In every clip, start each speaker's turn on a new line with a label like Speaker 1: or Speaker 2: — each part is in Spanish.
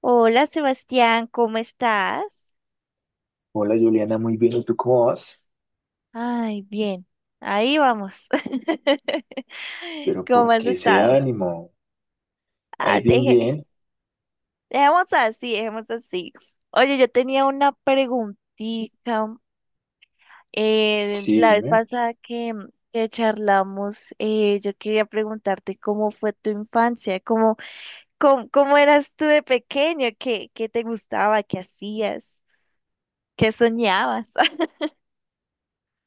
Speaker 1: Hola Sebastián, ¿cómo estás?
Speaker 2: Hola Juliana, muy bien, ¿y tú cómo vas?
Speaker 1: Ay, bien, ahí vamos.
Speaker 2: Pero
Speaker 1: ¿Cómo
Speaker 2: ¿por
Speaker 1: has
Speaker 2: qué ese
Speaker 1: estado?
Speaker 2: ánimo?
Speaker 1: Ah,
Speaker 2: Ahí bien,
Speaker 1: deje-
Speaker 2: bien.
Speaker 1: Dejemos así, dejemos así. Oye, yo tenía una preguntita.
Speaker 2: Sí,
Speaker 1: La vez
Speaker 2: dime.
Speaker 1: pasada que charlamos, yo quería preguntarte cómo fue tu infancia, cómo, cómo, cómo eras tú de pequeño, qué, qué te gustaba, qué hacías, qué soñabas.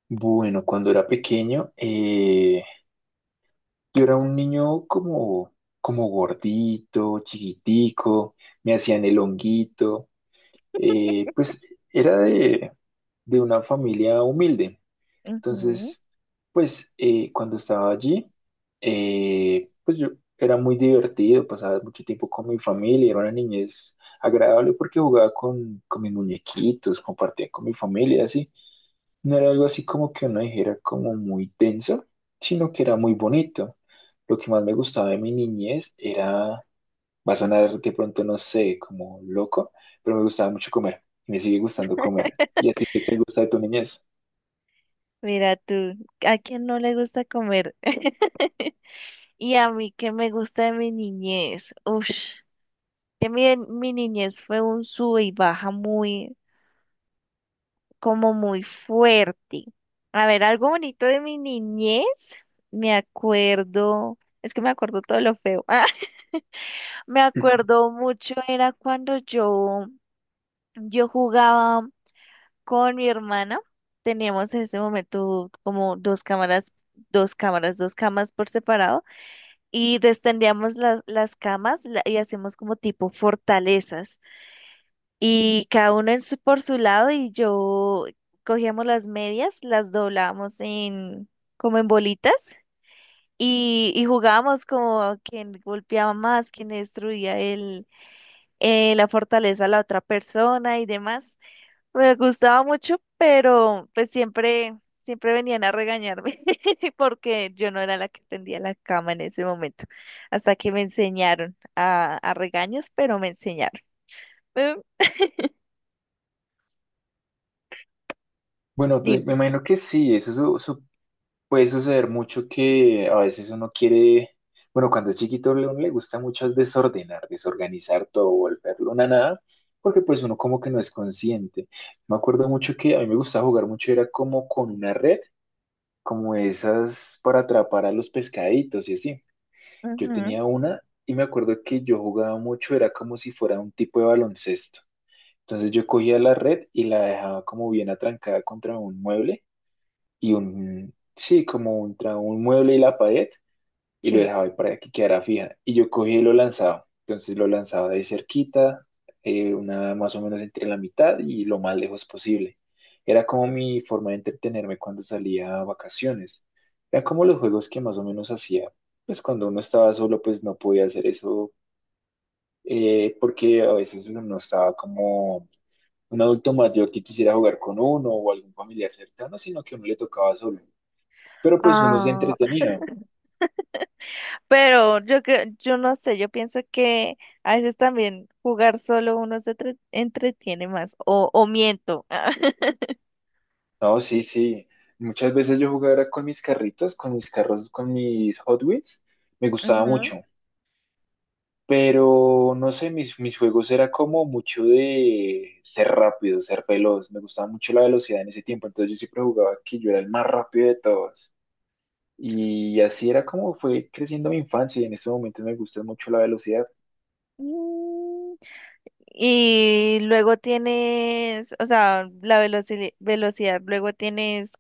Speaker 2: Bueno, cuando era pequeño, yo era un niño como, como gordito, chiquitico, me hacían el honguito. Pues era de una familia humilde.
Speaker 1: Ujú.
Speaker 2: Entonces, pues cuando estaba allí, pues yo era muy divertido, pasaba mucho tiempo con mi familia, era una niñez agradable porque jugaba con mis muñequitos, compartía con mi familia, así. No era algo así como que uno dijera como muy denso, sino que era muy bonito. Lo que más me gustaba de mi niñez era... Va a sonar de pronto, no sé, como loco, pero me gustaba mucho comer y me sigue gustando comer. ¿Y a ti qué te gusta de tu niñez?
Speaker 1: Mira tú, ¿a quién no le gusta comer? Y a mí ¿qué me gusta de mi niñez? Uf, que mi niñez fue un sube y baja muy, como muy fuerte. A ver, algo bonito de mi niñez, me acuerdo, es que me acuerdo todo lo feo. Me acuerdo mucho, era cuando yo yo jugaba con mi hermana. Teníamos en ese momento como dos cámaras, dos cámaras, dos camas por separado y destendíamos las camas y hacíamos como tipo fortalezas y cada uno en su, por su lado y yo cogíamos las medias, las doblábamos en como en bolitas y jugábamos como quien golpeaba más, quien destruía el, la fortaleza a la otra persona y demás. Me gustaba mucho, pero pues siempre, siempre venían a regañarme porque yo no era la que tendía la cama en ese momento. Hasta que me enseñaron a regaños, pero me enseñaron. Eh,
Speaker 2: Bueno, pues
Speaker 1: Dime.
Speaker 2: me imagino que sí, eso puede suceder mucho que a veces uno quiere, bueno, cuando es chiquito uno le gusta mucho desordenar, desorganizar todo, volverlo una nada, porque pues uno como que no es consciente. Me acuerdo mucho que a mí me gustaba jugar mucho, era como con una red, como esas para atrapar a los pescaditos y así. Yo
Speaker 1: Ujú,
Speaker 2: tenía una y me acuerdo que yo jugaba mucho, era como si fuera un tipo de baloncesto. Entonces yo cogía la red y la dejaba como bien atrancada contra un mueble y un, sí, como contra un mueble y la pared y lo
Speaker 1: sí.
Speaker 2: dejaba ahí para que quedara fija. Y yo cogía y lo lanzaba. Entonces lo lanzaba de cerquita, una más o menos entre la mitad y lo más lejos posible. Era como mi forma de entretenerme cuando salía a vacaciones. Era como los juegos que más o menos hacía. Pues cuando uno estaba solo, pues no podía hacer eso, porque a veces uno no estaba como un adulto mayor que quisiera jugar con uno o algún familiar cercano, sino que a uno le tocaba solo. Pero pues uno se
Speaker 1: Ah,
Speaker 2: entretenía.
Speaker 1: pero yo creo, yo no sé, yo pienso que a veces también jugar solo uno se entretiene más, o miento.
Speaker 2: No, sí, sí. Muchas veces yo jugaba era con mis carritos, con mis carros, con mis Hot Wheels. Me gustaba
Speaker 1: Ujú.
Speaker 2: mucho. Pero no sé, mis juegos era como mucho de ser rápido, ser veloz. Me gustaba mucho la velocidad en ese tiempo. Entonces yo siempre jugaba que yo era el más rápido de todos. Y así era como fue creciendo mi infancia. Y en ese momentos me gusta mucho la velocidad.
Speaker 1: Mm, y luego tienes, o sea, la velocidad, luego tienes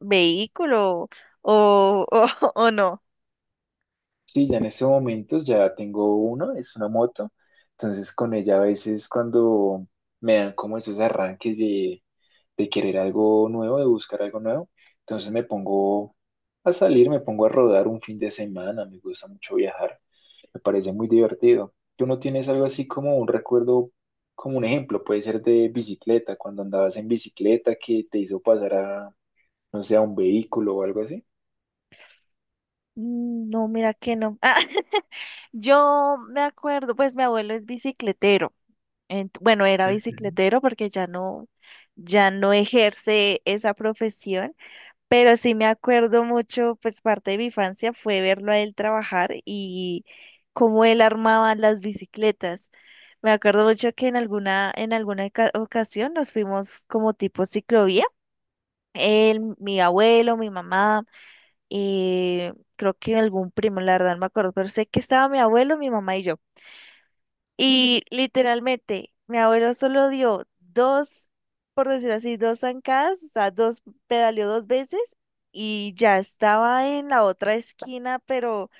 Speaker 1: vehículo o, o no.
Speaker 2: Sí, ya en estos momentos ya tengo uno, es una moto. Entonces con ella a veces cuando me dan como esos arranques de querer algo nuevo, de buscar algo nuevo, entonces me pongo a salir, me pongo a rodar un fin de semana, me gusta mucho viajar, me parece muy divertido. ¿Tú no tienes algo así como un recuerdo, como un ejemplo? Puede ser de bicicleta, cuando andabas en bicicleta que te hizo pasar a, no sé, a un vehículo o algo así.
Speaker 1: Mm, no, mira que no. Ah, yo me acuerdo, pues mi abuelo es bicicletero. Bueno, era
Speaker 2: Ujú.
Speaker 1: bicicletero porque ya no, ya no ejerce esa profesión. Pero sí me acuerdo mucho, pues parte de mi infancia fue verlo a él trabajar y cómo él armaba las bicicletas. Me acuerdo mucho que en alguna ocasión nos fuimos como tipo ciclovía. Él, mi abuelo, mi mamá, creo que algún primo, la verdad no me acuerdo, pero sé que estaba mi abuelo, mi mamá y yo. Y literalmente, mi abuelo solo dio dos, por decirlo así, dos zancadas, o sea, dos, pedaleó dos veces y ya estaba en la otra esquina,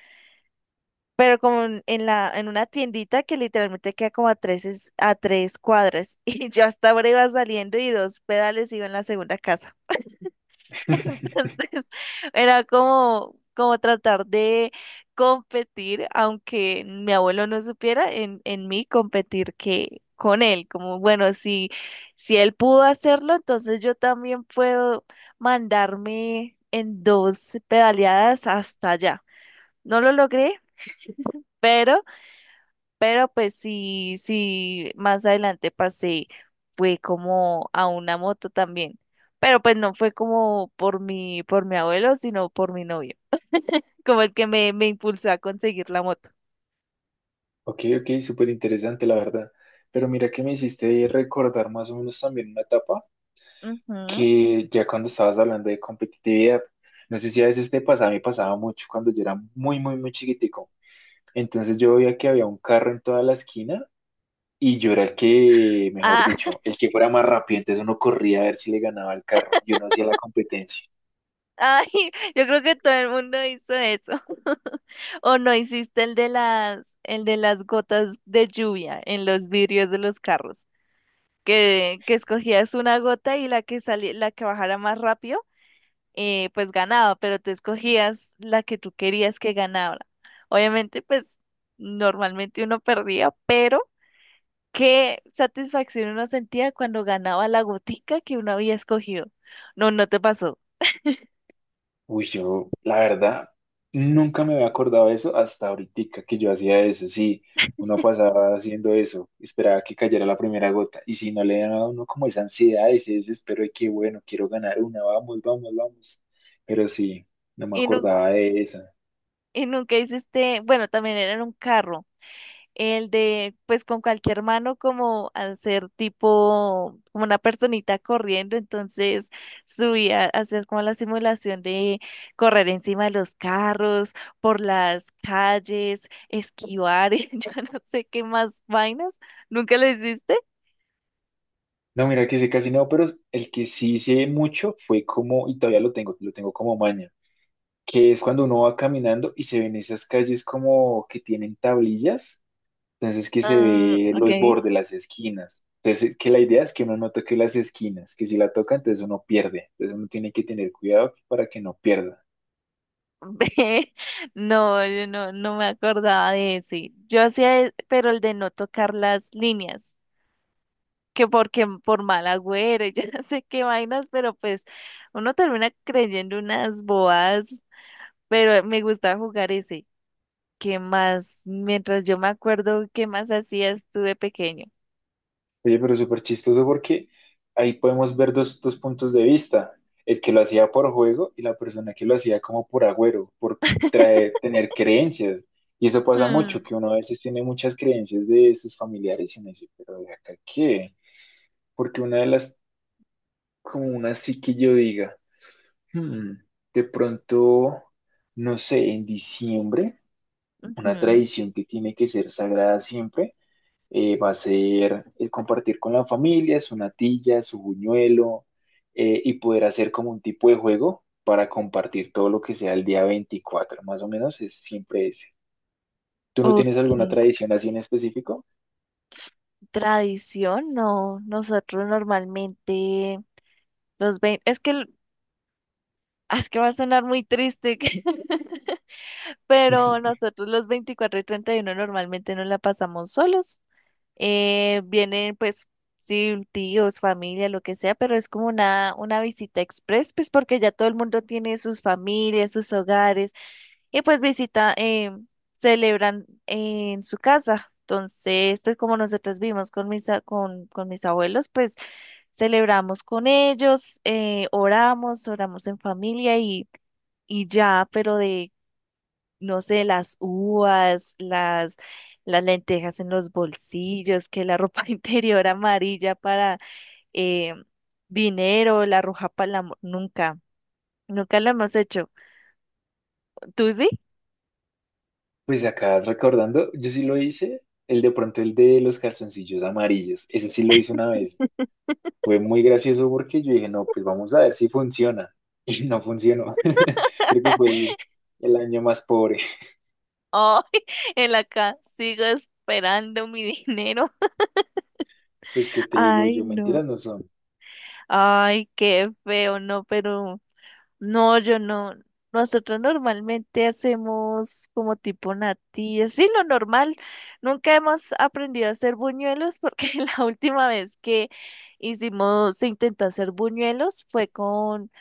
Speaker 1: pero como en una tiendita que literalmente queda como a tres, a tres cuadras. Y yo hasta ahora iba saliendo y dos pedales iba en la segunda casa. Entonces, era como, como tratar de competir, aunque mi abuelo no supiera, en mí competir que con él, como bueno, si, si él pudo hacerlo, entonces yo también puedo mandarme en dos pedaleadas hasta allá. No lo logré, pero pero pues sí, sí, más adelante pasé, fue como a una moto también. Pero pues no fue como por por mi abuelo, sino por mi novio, como el que me impulsó a conseguir la moto.
Speaker 2: Ok, ok, súper interesante, la verdad. Pero mira que me hiciste recordar más o menos también una etapa
Speaker 1: Ujú.
Speaker 2: que ya cuando estabas hablando de competitividad, no sé si a veces te pasaba, me pasaba mucho cuando yo era muy, muy, muy chiquitico. Entonces yo veía que había un carro en toda la esquina y yo era el que, mejor
Speaker 1: Ah,
Speaker 2: dicho, el que fuera más rápido. Entonces uno corría a ver si le ganaba al carro y uno hacía la competencia.
Speaker 1: ay, yo creo que todo el mundo hizo eso. ¿O no hiciste el de las gotas de lluvia en los vidrios de los carros, que escogías una gota y la que salía, la que bajara más rápido pues ganaba, pero tú escogías la que tú querías que ganara? Obviamente, pues normalmente uno perdía, pero qué satisfacción uno sentía cuando ganaba la gotica que uno había escogido. ¿No, no te pasó?
Speaker 2: Uy, yo, la verdad, nunca me había acordado de eso hasta ahorita que yo hacía eso. Sí, uno pasaba haciendo eso, esperaba que cayera la primera gota. Y si no le daba a uno como esa ansiedad, ese desespero de que, bueno, quiero ganar una, vamos, vamos, vamos. Pero sí, no me
Speaker 1: Y,
Speaker 2: acordaba de eso.
Speaker 1: y nunca hiciste, bueno, también era en un carro. El de, pues con cualquier mano como hacer tipo, como una personita corriendo, entonces subía, hacías como la simulación de correr encima de los carros, por las calles, esquivar, y yo no sé qué más vainas, ¿nunca lo hiciste?
Speaker 2: No, mira que sé casi no, pero el que sí hice mucho fue como, y todavía lo tengo como maña, que es cuando uno va caminando y se ven esas calles como que tienen tablillas. Entonces que se
Speaker 1: Ah,
Speaker 2: ve los
Speaker 1: okay.
Speaker 2: bordes, las esquinas. Entonces que la idea es que uno no toque las esquinas, que si la toca entonces uno pierde. Entonces uno tiene que tener cuidado para que no pierda.
Speaker 1: No, yo no, no me acordaba de ese. Yo hacía, pero el de no tocar las líneas. Que porque por mal agüero, y yo no sé qué vainas, pero pues uno termina creyendo unas bobadas, pero me gustaba jugar ese. ¿Qué más? Mientras yo me acuerdo, ¿qué más hacías tú de pequeño?
Speaker 2: Oye, pero súper chistoso porque ahí podemos ver dos, dos puntos de vista. El que lo hacía por juego y la persona que lo hacía como por agüero, por traer, tener creencias. Y eso pasa mucho,
Speaker 1: Mm,
Speaker 2: que uno a veces tiene muchas creencias de sus familiares y uno dice, pero de acá qué, porque una de las, como una sí que yo diga. Hmm, de pronto, no sé, en diciembre, una
Speaker 1: ujú,
Speaker 2: tradición que tiene que ser sagrada siempre va a ser el compartir con la familia su natilla, su buñuelo, y poder hacer como un tipo de juego para compartir todo lo que sea el día 24 más o menos es siempre ese. ¿Tú no
Speaker 1: ok.
Speaker 2: tienes alguna tradición así en específico?
Speaker 1: Tradición, no. Nosotros normalmente es que es que va a sonar muy triste, pero nosotros los 24 y 31 normalmente nos la pasamos solos. Vienen pues sí, tíos, familia, lo que sea, pero es como una visita express, pues porque ya todo el mundo tiene sus familias, sus hogares, y pues visita, celebran en su casa. Entonces, pues como nosotros vivimos con con mis abuelos, pues celebramos con ellos, oramos, oramos en familia y ya, pero de no sé, las lentejas en los bolsillos, que la ropa interior amarilla para eh, dinero, la roja para el amor. Nunca, nunca lo hemos hecho. ¿Tú sí?
Speaker 2: Pues acá recordando, yo sí lo hice, el de pronto el de los calzoncillos amarillos, ese sí lo hice una vez. Fue muy gracioso porque yo dije, no, pues vamos a ver si funciona. Y no funcionó. Creo que fue el año más pobre.
Speaker 1: Ay, en la casa sigo esperando mi dinero.
Speaker 2: Pues qué te digo
Speaker 1: Ay,
Speaker 2: yo,
Speaker 1: no.
Speaker 2: mentiras no son.
Speaker 1: Ay, qué feo, no, pero no, yo no. Nosotros normalmente hacemos como tipo natillas. Sí, lo normal. Nunca hemos aprendido a hacer buñuelos porque la última vez que hicimos, se intentó hacer buñuelos fue con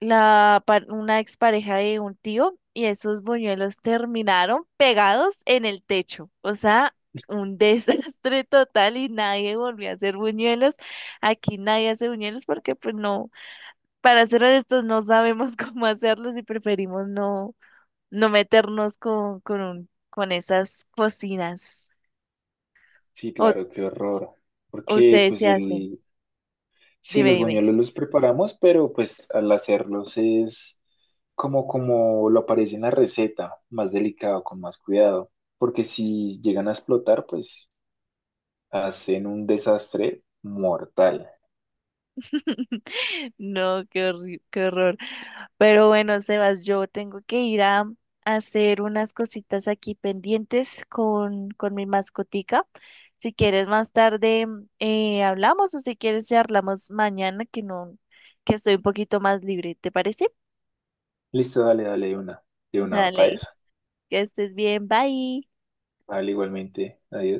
Speaker 1: una expareja de un tío y esos buñuelos terminaron pegados en el techo. O sea, un desastre total y nadie volvió a hacer buñuelos. Aquí nadie hace buñuelos porque pues no, para ser honestos, no sabemos cómo hacerlos y preferimos no, no meternos con esas cocinas.
Speaker 2: Sí,
Speaker 1: O,
Speaker 2: claro, qué horror.
Speaker 1: o
Speaker 2: Porque
Speaker 1: ustedes
Speaker 2: pues
Speaker 1: se hacen.
Speaker 2: el, sí,
Speaker 1: Dime,
Speaker 2: los
Speaker 1: dime.
Speaker 2: buñuelos los preparamos, pero pues al hacerlos es como, como lo aparece en la receta, más delicado, con más cuidado. Porque si llegan a explotar, pues hacen un desastre mortal.
Speaker 1: No, qué horror. Pero bueno, Sebas, yo tengo que ir a hacer unas cositas aquí pendientes con mi mascotica. Si quieres más tarde hablamos o si quieres ya hablamos mañana que no, que estoy un poquito más libre, ¿te parece?
Speaker 2: Listo, dale, dale de una para
Speaker 1: Dale.
Speaker 2: eso.
Speaker 1: Que estés bien, bye.
Speaker 2: Vale, igualmente. Adiós.